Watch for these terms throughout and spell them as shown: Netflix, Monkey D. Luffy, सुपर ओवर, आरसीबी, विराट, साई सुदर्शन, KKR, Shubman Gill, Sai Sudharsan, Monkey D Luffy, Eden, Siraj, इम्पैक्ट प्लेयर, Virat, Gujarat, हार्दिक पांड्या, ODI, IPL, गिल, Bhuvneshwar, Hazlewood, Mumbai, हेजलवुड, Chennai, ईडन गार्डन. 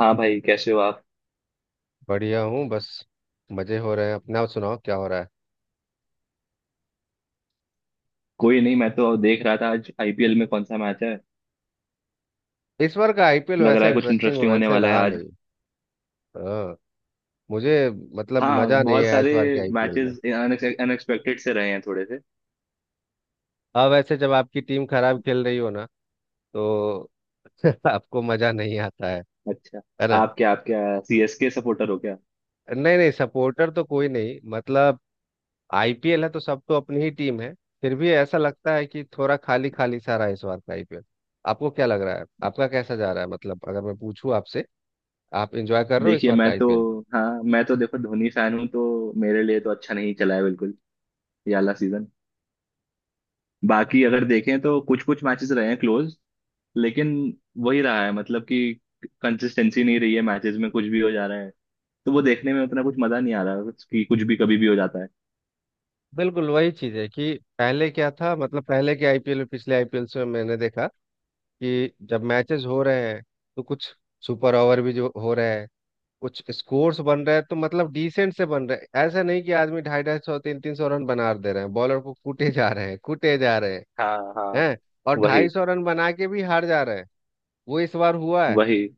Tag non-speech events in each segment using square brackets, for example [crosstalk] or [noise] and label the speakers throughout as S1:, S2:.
S1: हाँ भाई, कैसे हो आप।
S2: बढ़िया हूँ बस मजे हो रहे हैं। अपना आप सुनाओ क्या हो रहा है।
S1: कोई नहीं, मैं तो देख रहा था आज आईपीएल में कौन सा मैच है।
S2: इस बार का आईपीएल
S1: लग रहा
S2: वैसा
S1: है कुछ
S2: इंटरेस्टिंग
S1: इंटरेस्टिंग होने
S2: वैसे
S1: वाला है
S2: रहा
S1: आज।
S2: नहीं। हाँ। मुझे मतलब
S1: हाँ,
S2: मजा नहीं
S1: बहुत
S2: आया इस
S1: सारे
S2: बार के आईपीएल में।
S1: मैचेस अनएक्सपेक्टेड से रहे हैं थोड़े से।
S2: अब वैसे जब आपकी टीम खराब खेल रही हो ना तो [laughs] आपको मजा नहीं आता है
S1: अच्छा।
S2: है ना।
S1: आप क्या सीएसके सपोर्टर हो क्या।
S2: नहीं नहीं, सपोर्टर तो कोई नहीं, मतलब आईपीएल है तो सब तो अपनी ही टीम है। फिर भी ऐसा लगता है कि थोड़ा खाली खाली सा रहा है इस बार का आईपीएल। आपको क्या लग रहा है, आपका कैसा जा रहा है, मतलब अगर मैं पूछूं आपसे, आप एंजॉय कर रहे हो इस
S1: देखिए,
S2: बार का
S1: मैं तो
S2: आईपीएल?
S1: हाँ, मैं तो देखो धोनी फैन हूँ, तो मेरे लिए तो अच्छा नहीं चला है बिल्कुल, ये वाला सीजन। बाकी अगर देखें तो कुछ कुछ मैचेस रहे हैं क्लोज। लेकिन वही रहा है, मतलब कि कंसिस्टेंसी नहीं रही है, मैचेस में कुछ भी हो जा रहा है। तो वो देखने में उतना कुछ मजा नहीं आ रहा, कि कुछ भी कभी भी हो जाता है।
S2: बिल्कुल वही चीज है कि पहले क्या था, मतलब पहले के आईपीएल में पिछले आईपीएल से मैंने देखा कि जब मैचेस हो रहे हैं तो कुछ सुपर ओवर भी जो हो रहे हैं, कुछ स्कोर्स बन रहे हैं तो मतलब डिसेंट से बन रहे हैं, ऐसा नहीं कि आदमी ढाई ढाई सौ तीन तीन सौ रन बना दे रहे हैं, बॉलर को कूटे जा रहे हैं कूटे जा रहे
S1: हाँ हाँ।
S2: हैं। हैं और ढाई
S1: वही
S2: सौ रन बना के भी हार जा रहे हैं। वो इस बार हुआ है।
S1: वही,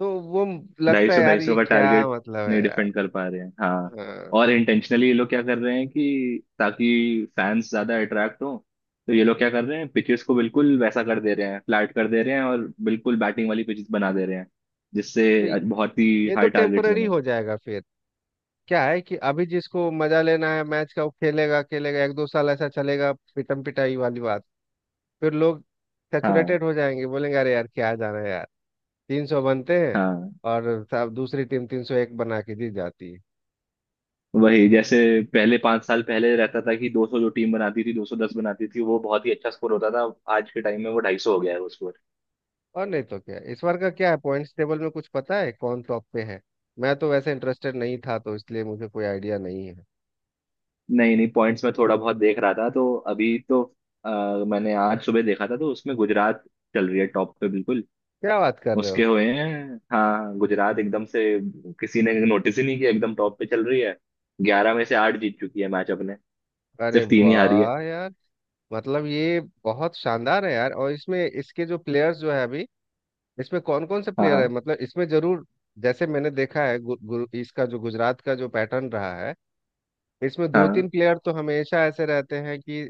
S2: तो वो लगता है यार,
S1: ढाई सौ
S2: ये
S1: का
S2: क्या
S1: टारगेट
S2: मतलब
S1: नहीं
S2: है यार।
S1: डिफेंड कर पा रहे हैं, हाँ।
S2: हाँ।
S1: और इंटेंशनली ये लोग क्या कर रहे हैं कि ताकि फैंस ज्यादा अट्रैक्ट हो, तो ये लोग क्या कर रहे हैं, पिचेस को बिल्कुल वैसा कर दे रहे हैं, फ्लैट कर दे रहे हैं, और बिल्कुल बैटिंग वाली पिचेस बना दे रहे हैं
S2: तो
S1: जिससे बहुत ही
S2: ये तो
S1: हाई टारगेट्स
S2: टेम्पररी
S1: बने।
S2: हो जाएगा फिर। क्या है कि अभी जिसको मजा लेना है मैच का वो खेलेगा खेलेगा, एक दो साल ऐसा चलेगा पिटम पिटाई वाली बात। फिर लोग
S1: हाँ
S2: सेचुरेटेड हो जाएंगे, बोलेंगे अरे यार क्या जाना है यार। 300 बनते हैं
S1: हाँ।
S2: और सब दूसरी टीम 301 बना के जीत जाती है।
S1: वही, जैसे पहले 5 साल पहले रहता था कि 200 जो टीम बनाती थी, 210 बनाती थी, वो बहुत ही अच्छा स्कोर होता था। आज के टाइम में वो 250 हो गया है वो स्कोर।
S2: और नहीं तो क्या, इस बार का क्या है पॉइंट्स टेबल में, कुछ पता है कौन टॉप पे है? मैं तो वैसे इंटरेस्टेड नहीं था तो इसलिए मुझे कोई आइडिया नहीं है।
S1: नहीं नहीं, पॉइंट्स में थोड़ा बहुत देख रहा था, तो अभी तो मैंने आज सुबह देखा था तो उसमें गुजरात चल रही है टॉप पे बिल्कुल।
S2: क्या बात कर रहे हो।
S1: उसके हुए हैं हाँ, गुजरात एकदम से किसी ने नोटिस ही नहीं किया, एकदम टॉप पे चल रही है। 11 में से 8 जीत चुकी है मैच अपने,
S2: अरे
S1: सिर्फ 3 ही हारी है।
S2: वाह यार। मतलब ये बहुत शानदार है यार। और इसमें इसके जो प्लेयर्स जो है अभी, इसमें कौन कौन से
S1: हाँ
S2: प्लेयर है,
S1: हाँ
S2: मतलब इसमें जरूर जैसे मैंने देखा है, गु, गु, इसका जो गुजरात का जो पैटर्न रहा है इसमें दो
S1: हाँ
S2: तीन प्लेयर तो हमेशा ऐसे रहते हैं कि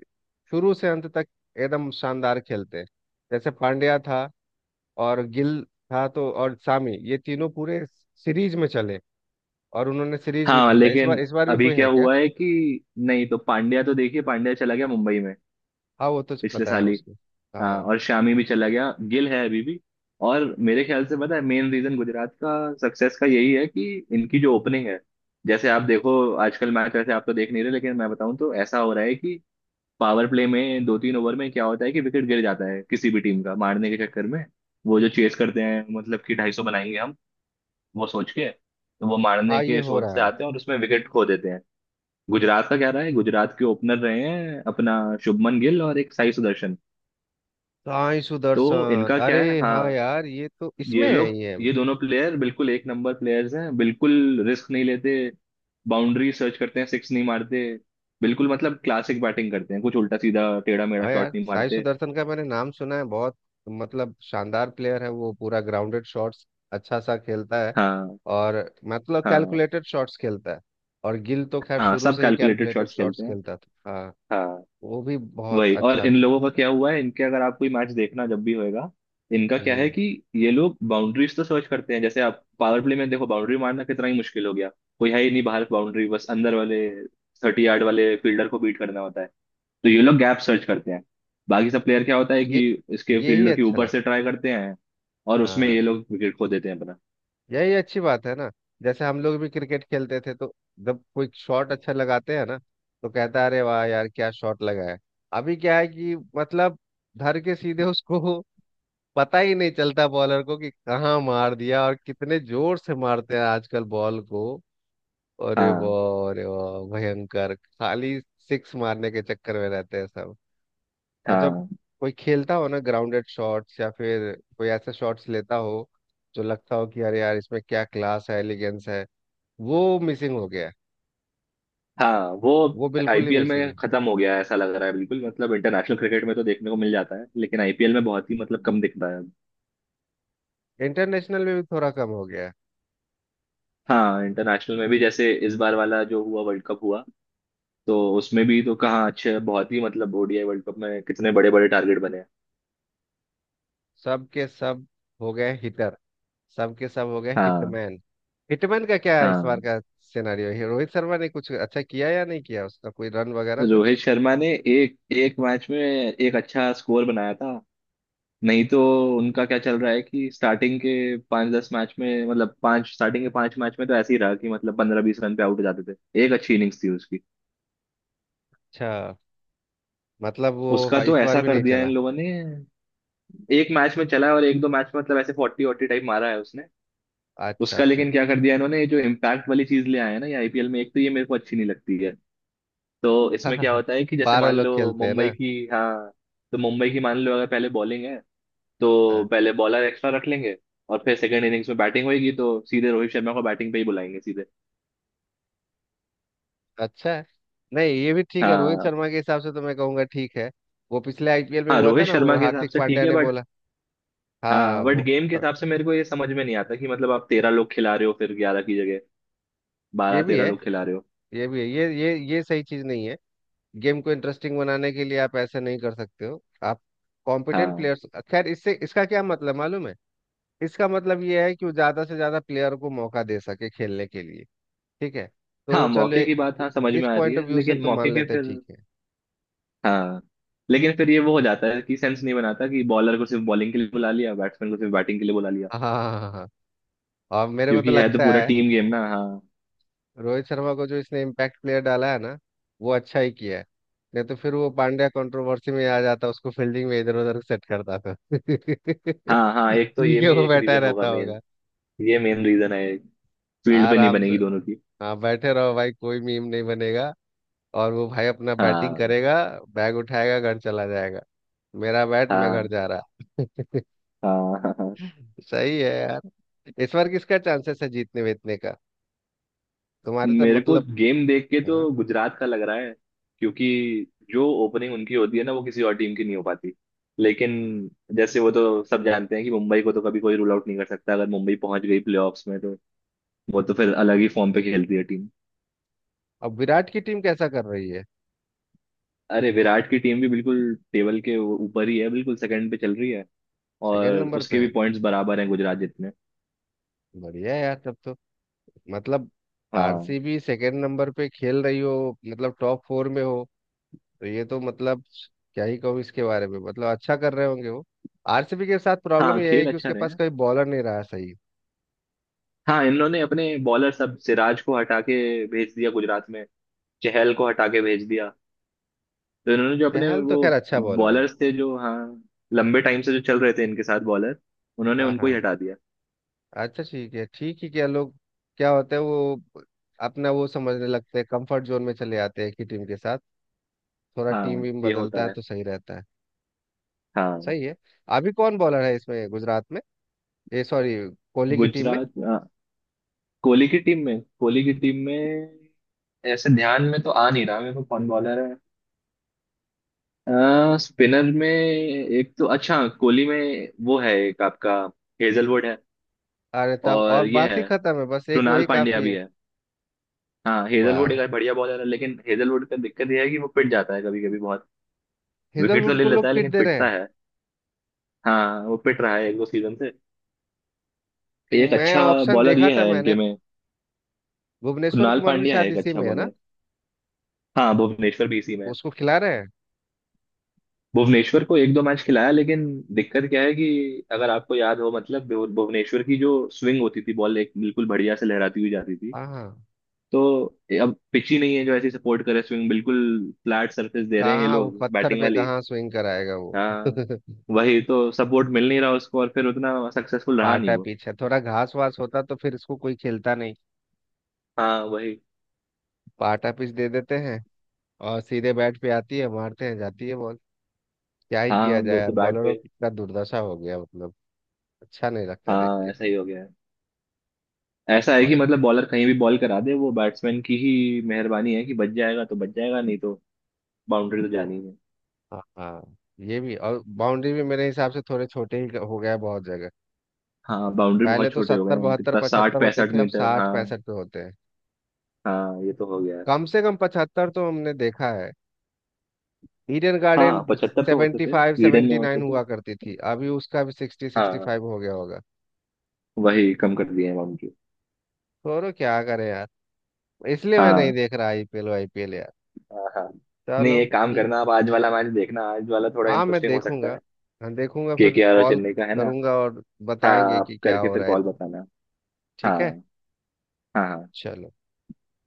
S2: शुरू से अंत तक एकदम शानदार खेलते हैं। जैसे पांड्या था और गिल था, तो और सामी, ये तीनों पूरे सीरीज में चले और उन्होंने सीरीज भी
S1: हाँ।
S2: जीता। इस बार
S1: लेकिन
S2: इस बार भी
S1: अभी
S2: कोई
S1: क्या
S2: है क्या?
S1: हुआ है कि नहीं तो पांड्या तो देखिए, पांड्या चला गया मुंबई में
S2: हाँ वो तो
S1: पिछले
S2: पता है
S1: साल ही।
S2: उसको।
S1: हाँ,
S2: हाँ।
S1: और शामी भी चला गया, गिल है अभी भी। और मेरे ख्याल से, पता है, मेन रीजन गुजरात का सक्सेस का यही है कि इनकी जो ओपनिंग है, जैसे आप देखो, आजकल मैच वैसे आप तो देख नहीं रहे, लेकिन मैं बताऊं तो ऐसा हो रहा है कि पावर प्ले में 2 3 ओवर में क्या होता है कि विकेट गिर जाता है किसी भी टीम का, मारने के चक्कर में। वो जो चेस करते हैं मतलब कि ढाई सौ बनाएंगे हम, वो सोच के, तो वो मारने
S2: हाँ ये
S1: के
S2: हो
S1: सोच से
S2: रहा है।
S1: आते हैं और उसमें विकेट खो देते हैं। गुजरात का क्या रहा है, गुजरात के ओपनर रहे हैं अपना शुभमन गिल और एक साई सुदर्शन।
S2: साई
S1: तो
S2: सुदर्शन,
S1: इनका क्या
S2: अरे
S1: है,
S2: हाँ
S1: हाँ,
S2: यार, ये तो
S1: ये
S2: इसमें है
S1: लोग,
S2: ये।
S1: ये दोनों प्लेयर बिल्कुल एक नंबर प्लेयर्स हैं बिल्कुल। रिस्क नहीं लेते, बाउंड्री सर्च करते हैं, सिक्स नहीं मारते, बिल्कुल मतलब क्लासिक बैटिंग करते हैं, कुछ उल्टा सीधा टेढ़ा मेढ़ा
S2: हाँ यार,
S1: शॉट नहीं
S2: साई
S1: मारते।
S2: सुदर्शन का मैंने नाम सुना है बहुत। मतलब शानदार प्लेयर है वो, पूरा ग्राउंडेड शॉट्स अच्छा सा खेलता है।
S1: हाँ
S2: और मतलब
S1: हाँ
S2: कैलकुलेटेड शॉट्स खेलता है। और गिल तो खैर
S1: हाँ।
S2: शुरू
S1: सब
S2: से ही
S1: कैलकुलेटेड
S2: कैलकुलेटेड
S1: शॉट्स
S2: शॉट्स
S1: खेलते हैं,
S2: खेलता था। हाँ
S1: हाँ।
S2: वो भी बहुत
S1: वही, और
S2: अच्छा।
S1: इन लोगों का क्या हुआ है इनके, अगर आप कोई मैच देखना जब भी होएगा, इनका क्या है
S2: हम्म
S1: कि ये लोग बाउंड्रीज तो सर्च करते हैं, जैसे आप पावर प्ले में देखो, बाउंड्री मारना कितना ही मुश्किल हो गया, कोई है ही नहीं बाहर, बाउंड्री बस अंदर वाले थर्टी यार्ड वाले फील्डर को बीट करना होता है, तो ये लोग गैप सर्च करते हैं। बाकी सब प्लेयर क्या होता है कि
S2: ये
S1: इसके
S2: यही
S1: फील्डर के
S2: अच्छा
S1: ऊपर से
S2: लगता।
S1: ट्राई करते हैं और उसमें
S2: हाँ
S1: ये लोग विकेट खो देते हैं अपना।
S2: यही अच्छी बात है ना। जैसे हम लोग भी क्रिकेट खेलते थे तो जब कोई शॉट अच्छा लगाते हैं ना तो कहता है अरे वाह यार क्या शॉट लगाया। अभी क्या है कि मतलब धर के सीधे उसको, पता ही नहीं चलता बॉलर को कि कहाँ मार दिया, और कितने जोर से मारते हैं आजकल बॉल को।
S1: हाँ
S2: अरे वाह भयंकर खाली सिक्स मारने के चक्कर में रहते हैं सब। और जब
S1: हाँ।
S2: कोई खेलता हो ना ग्राउंडेड शॉट्स, या फिर कोई ऐसे शॉट्स लेता हो जो लगता हो कि अरे यार इसमें क्या क्लास है, एलिगेंस है, वो मिसिंग हो गया है।
S1: हाँ वो
S2: वो बिल्कुल ही
S1: आईपीएल
S2: मिसिंग
S1: में खत्म हो गया है ऐसा लग रहा है बिल्कुल, मतलब इंटरनेशनल क्रिकेट में तो देखने को मिल जाता है लेकिन आईपीएल में बहुत ही मतलब कम दिखता है अब।
S2: है। इंटरनेशनल में भी थोड़ा कम हो गया है।
S1: हाँ, इंटरनेशनल में भी जैसे इस बार वाला जो हुआ वर्ल्ड कप हुआ, तो उसमें भी तो कहाँ अच्छे, बहुत ही मतलब ओडीआई वर्ल्ड कप में कितने बड़े बड़े टारगेट बने हैं।
S2: सब के सब हो गए हिटर, सब के सब हो गए
S1: हाँ
S2: हिटमैन। हिटमैन का क्या है इस
S1: हाँ।
S2: बार का सिनेरियो, है रोहित शर्मा ने कुछ अच्छा किया या नहीं किया, उसका कोई रन वगैरह कुछ?
S1: रोहित शर्मा ने एक एक मैच में एक अच्छा स्कोर बनाया था। नहीं तो उनका क्या चल रहा है कि स्टार्टिंग के 5 10 मैच में, मतलब पांच स्टार्टिंग के 5 मैच में तो ऐसे ही रहा, कि मतलब 15 20 रन पे आउट हो जाते थे। एक अच्छी इनिंग्स थी उसकी।
S2: अच्छा। मतलब वो
S1: उसका
S2: हाँ,
S1: तो
S2: इस बार
S1: ऐसा
S2: भी
S1: कर
S2: नहीं
S1: दिया इन
S2: चला।
S1: लोगों ने, एक मैच में चला है, और एक दो मैच में मतलब ऐसे 40 40 टाइप मारा है उसने।
S2: अच्छा
S1: उसका,
S2: अच्छा।
S1: लेकिन क्या कर दिया इन्होंने, ये जो इम्पैक्ट वाली चीज ले आए हैं ना ये आईपीएल में, एक तो ये मेरे को अच्छी नहीं लगती है। तो इसमें क्या
S2: अच्छा
S1: होता है कि
S2: [laughs]
S1: जैसे
S2: बारह
S1: मान
S2: लोग
S1: लो
S2: खेलते हैं
S1: मुंबई
S2: ना।
S1: की, हाँ, तो मुंबई की मान लो अगर पहले बॉलिंग है, तो
S2: हाँ
S1: पहले बॉलर एक्स्ट्रा रख लेंगे, और फिर सेकंड इनिंग्स में बैटिंग होगी तो सीधे रोहित शर्मा को बैटिंग पे ही बुलाएंगे सीधे।
S2: अच्छा है। नहीं ये भी ठीक है, रोहित
S1: हाँ।
S2: शर्मा के हिसाब से तो मैं कहूँगा ठीक है। वो पिछले आईपीएल में
S1: हाँ
S2: हुआ था
S1: रोहित
S2: ना वो
S1: शर्मा के हिसाब
S2: हार्दिक
S1: से ठीक
S2: पांड्या
S1: है,
S2: ने
S1: बट
S2: बोला। हाँ
S1: हाँ, बट
S2: वो
S1: गेम के हिसाब से मेरे को ये समझ में नहीं आता कि मतलब आप 13 लोग खिला रहे हो फिर, 11 की जगह
S2: ये
S1: बारह
S2: भी
S1: तेरह
S2: है,
S1: लोग खिला रहे हो।
S2: ये भी है, ये सही चीज नहीं है। गेम को इंटरेस्टिंग बनाने के लिए आप ऐसा नहीं कर सकते हो, आप कॉम्पिटेंट
S1: हाँ
S2: प्लेयर्स। खैर इससे इसका क्या मतलब मालूम है, इसका मतलब ये है कि वो ज्यादा से ज्यादा प्लेयर को मौका दे सके खेलने के लिए। ठीक है। तो
S1: हाँ,
S2: चलो
S1: मौके
S2: ए-
S1: की बात हाँ समझ
S2: इस
S1: में आ रही
S2: पॉइंट ऑफ
S1: है,
S2: व्यू से
S1: लेकिन
S2: तो
S1: मौके
S2: मान
S1: के
S2: लेते हैं
S1: फिर,
S2: ठीक है।
S1: हाँ, लेकिन फिर ये वो हो जाता है कि सेंस नहीं बनाता कि बॉलर को सिर्फ बॉलिंग के लिए बुला लिया, बैट्समैन को सिर्फ बैटिंग के लिए बुला लिया,
S2: हाँ हाँ हाँ हाँ। हाँ। और मेरे को तो
S1: क्योंकि है तो
S2: लगता
S1: पूरा
S2: है
S1: टीम गेम ना, हाँ।
S2: रोहित शर्मा को जो इसने इम्पैक्ट प्लेयर डाला है ना वो अच्छा ही किया है। नहीं तो फिर वो पांड्या कंट्रोवर्सी में आ जाता, उसको फील्डिंग में इधर उधर सेट करता था [laughs]
S1: हाँ हाँ, एक तो
S2: ठीक
S1: ये
S2: है,
S1: भी
S2: वो
S1: एक
S2: बैठा
S1: रीजन होगा,
S2: रहता
S1: मेन
S2: होगा
S1: ये मेन रीजन है, फील्ड पे नहीं
S2: आराम से।
S1: बनेगी दोनों की।
S2: हाँ बैठे रहो भाई, कोई मीम नहीं बनेगा। और वो भाई अपना बैटिंग
S1: हाँ
S2: करेगा, बैग उठाएगा घर चला जाएगा। मेरा बैट मैं घर
S1: हाँ
S2: जा रहा [laughs]
S1: हाँ हाँ हाँ।
S2: सही है यार। इस बार किसका चांसेस है जीतने वीतने का, तुम्हारे तो
S1: मेरे को
S2: मतलब।
S1: गेम देख के
S2: हाँ।
S1: तो गुजरात का लग रहा है, क्योंकि जो ओपनिंग उनकी होती है ना वो किसी और टीम की नहीं हो पाती। लेकिन जैसे वो तो सब जानते हैं कि मुंबई को तो कभी कोई रूल आउट नहीं कर सकता, अगर मुंबई पहुंच गई प्लेऑफ्स में तो वो तो फिर अलग ही फॉर्म पे खेलती है टीम।
S2: अब विराट की टीम कैसा कर रही है?
S1: अरे विराट की टीम भी बिल्कुल टेबल के वो ऊपर ही है बिल्कुल, सेकंड पे चल रही है।
S2: सेकंड
S1: और
S2: नंबर
S1: उसके
S2: पे
S1: भी
S2: है।
S1: पॉइंट्स बराबर हैं गुजरात जितने।
S2: बढ़िया है यार तब तो, मतलब
S1: हाँ
S2: आरसीबी सेकंड नंबर पे खेल रही हो मतलब टॉप फोर में हो तो, ये तो मतलब क्या ही कहूँ इसके बारे में, मतलब अच्छा कर रहे होंगे वो। आरसीबी के साथ प्रॉब्लम
S1: हाँ,
S2: ये है
S1: खेल
S2: कि
S1: अच्छा
S2: उसके
S1: रहे।
S2: पास कोई बॉलर नहीं रहा सही।
S1: हाँ इन्होंने अपने बॉलर सब, सिराज को हटा के भेज दिया गुजरात में, चहल को हटा के भेज दिया, तो इन्होंने जो अपने
S2: चहल तो
S1: वो
S2: खैर अच्छा बॉलर है।
S1: बॉलर्स थे जो हाँ लंबे टाइम से जो चल रहे थे इनके साथ बॉलर, उन्होंने
S2: हाँ हाँ
S1: उनको ही
S2: हाँ।
S1: हटा दिया।
S2: अच्छा ठीक है, ठीक ही, क्या लोग क्या होता है वो, अपना वो समझने लगते हैं, कंफर्ट जोन में चले आते हैं एक ही टीम के साथ। थोड़ा टीम
S1: हाँ
S2: वीम
S1: ये होता
S2: बदलता है
S1: है,
S2: तो सही रहता है।
S1: हाँ।
S2: सही है। अभी कौन बॉलर है इसमें, गुजरात में? ये सॉरी कोहली की टीम में।
S1: गुजरात, हाँ, कोहली की टीम में ऐसे ध्यान में तो आ नहीं रहा मेरे को कौन बॉलर है। स्पिनर में एक तो अच्छा, कोहली में वो है एक आपका हेजलवुड है,
S2: अरे तब और
S1: और ये
S2: बात ही
S1: है
S2: खत्म है, बस एक
S1: कृणाल
S2: वही
S1: पांड्या
S2: काफी
S1: भी
S2: है।
S1: है। हाँ हेजलवुड
S2: वाह,
S1: एक बढ़िया बॉलर है, लेकिन हेजलवुड का दिक्कत यह है कि वो पिट जाता है कभी कभी बहुत, विकेट तो
S2: हेजलवुड
S1: ले
S2: को लोग
S1: लेता है
S2: पीट
S1: लेकिन
S2: दे रहे
S1: पिटता
S2: हैं।
S1: है। हाँ वो पिट रहा है एक दो सीजन से। एक
S2: मैं
S1: अच्छा
S2: ऑप्शन
S1: बॉलर
S2: देखा
S1: ये
S2: था
S1: है
S2: मैंने।
S1: इनके में,
S2: भुवनेश्वर
S1: कृणाल
S2: कुमार भी
S1: पांड्या है,
S2: शायद
S1: एक
S2: इसी
S1: अच्छा
S2: में है ना।
S1: बॉलर। हाँ भुवनेश्वर भी इसी में है।
S2: उसको खिला रहे हैं?
S1: भुवनेश्वर को एक दो मैच खिलाया, लेकिन दिक्कत क्या है कि अगर आपको याद हो, मतलब भुवनेश्वर की जो स्विंग होती थी, बॉल एक बिल्कुल बढ़िया से लहराती हुई जाती थी,
S2: हाँ हाँ।
S1: तो अब पिच ही नहीं है जो ऐसी सपोर्ट करे स्विंग बिल्कुल। फ्लैट सरफेस दे रहे हैं ये
S2: कहाँ वो
S1: लोग,
S2: पत्थर
S1: बैटिंग
S2: पे
S1: वाली।
S2: कहाँ स्विंग कराएगा वो।
S1: हाँ,
S2: [laughs]
S1: वही तो सपोर्ट मिल नहीं रहा उसको, और फिर उतना सक्सेसफुल रहा नहीं
S2: पाटा
S1: वो।
S2: पिच है, थोड़ा घास वास होता तो फिर इसको कोई खेलता नहीं।
S1: हाँ वही।
S2: पाटा पिच दे देते हैं और सीधे बैट पे आती है, मारते हैं, जाती है बॉल। क्या ही किया
S1: हाँ
S2: जाए
S1: वो तो
S2: यार,
S1: बैट
S2: बॉलरों
S1: पे।
S2: की इतना दुर्दशा हो गया, मतलब अच्छा नहीं लगता देख
S1: हाँ
S2: के।
S1: ऐसा ही हो गया है, ऐसा है कि
S2: और-
S1: मतलब बॉलर कहीं भी बॉल करा दे, वो बैट्समैन की ही मेहरबानी है कि बच जाएगा तो बच जाएगा, नहीं तो बाउंड्री तो जानी है।
S2: हाँ हाँ। ये भी, और बाउंड्री भी मेरे हिसाब से थोड़े छोटे ही हो गया है बहुत जगह।
S1: हाँ, बाउंड्री
S2: पहले
S1: बहुत
S2: तो
S1: छोटे हो गए
S2: सत्तर
S1: हैं,
S2: बहत्तर
S1: कितना साठ
S2: पचहत्तर होते
S1: पैंसठ
S2: थे, अब
S1: मीटर
S2: साठ
S1: हाँ।
S2: पैंसठ पे होते हैं।
S1: हाँ ये तो हो गया है।
S2: कम से कम 75 तो हमने देखा है, ईडन गार्डन।
S1: हाँ 75 तो होते
S2: सेवेंटी
S1: थे,
S2: फाइव
S1: ईडन में
S2: सेवेंटी नाइन
S1: होते थे।
S2: हुआ करती थी, अभी उसका भी सिक्सटी सिक्सटी
S1: हाँ,
S2: फाइव हो गया होगा।
S1: वही कम कर दिए हैं बाउंड्री।
S2: छोड़ो क्या करें यार, इसलिए मैं
S1: हाँ
S2: नहीं देख रहा आईपीएल, आईपीएल यार।
S1: हाँ हाँ। नहीं,
S2: चलो
S1: एक काम
S2: ठीक
S1: करना आप, आज वाला मैच
S2: है।
S1: देखना, आज वाला थोड़ा
S2: हाँ मैं
S1: इंटरेस्टिंग हो सकता
S2: देखूंगा,
S1: है।
S2: हाँ देखूंगा फिर
S1: के आर और
S2: कॉल
S1: चेन्नई का है ना।
S2: करूंगा और
S1: हाँ,
S2: बताएंगे
S1: आप
S2: कि क्या
S1: करके
S2: हो
S1: फिर
S2: रहा है।
S1: कॉल बताना।
S2: ठीक है।
S1: हाँ हाँ हाँ
S2: चलो।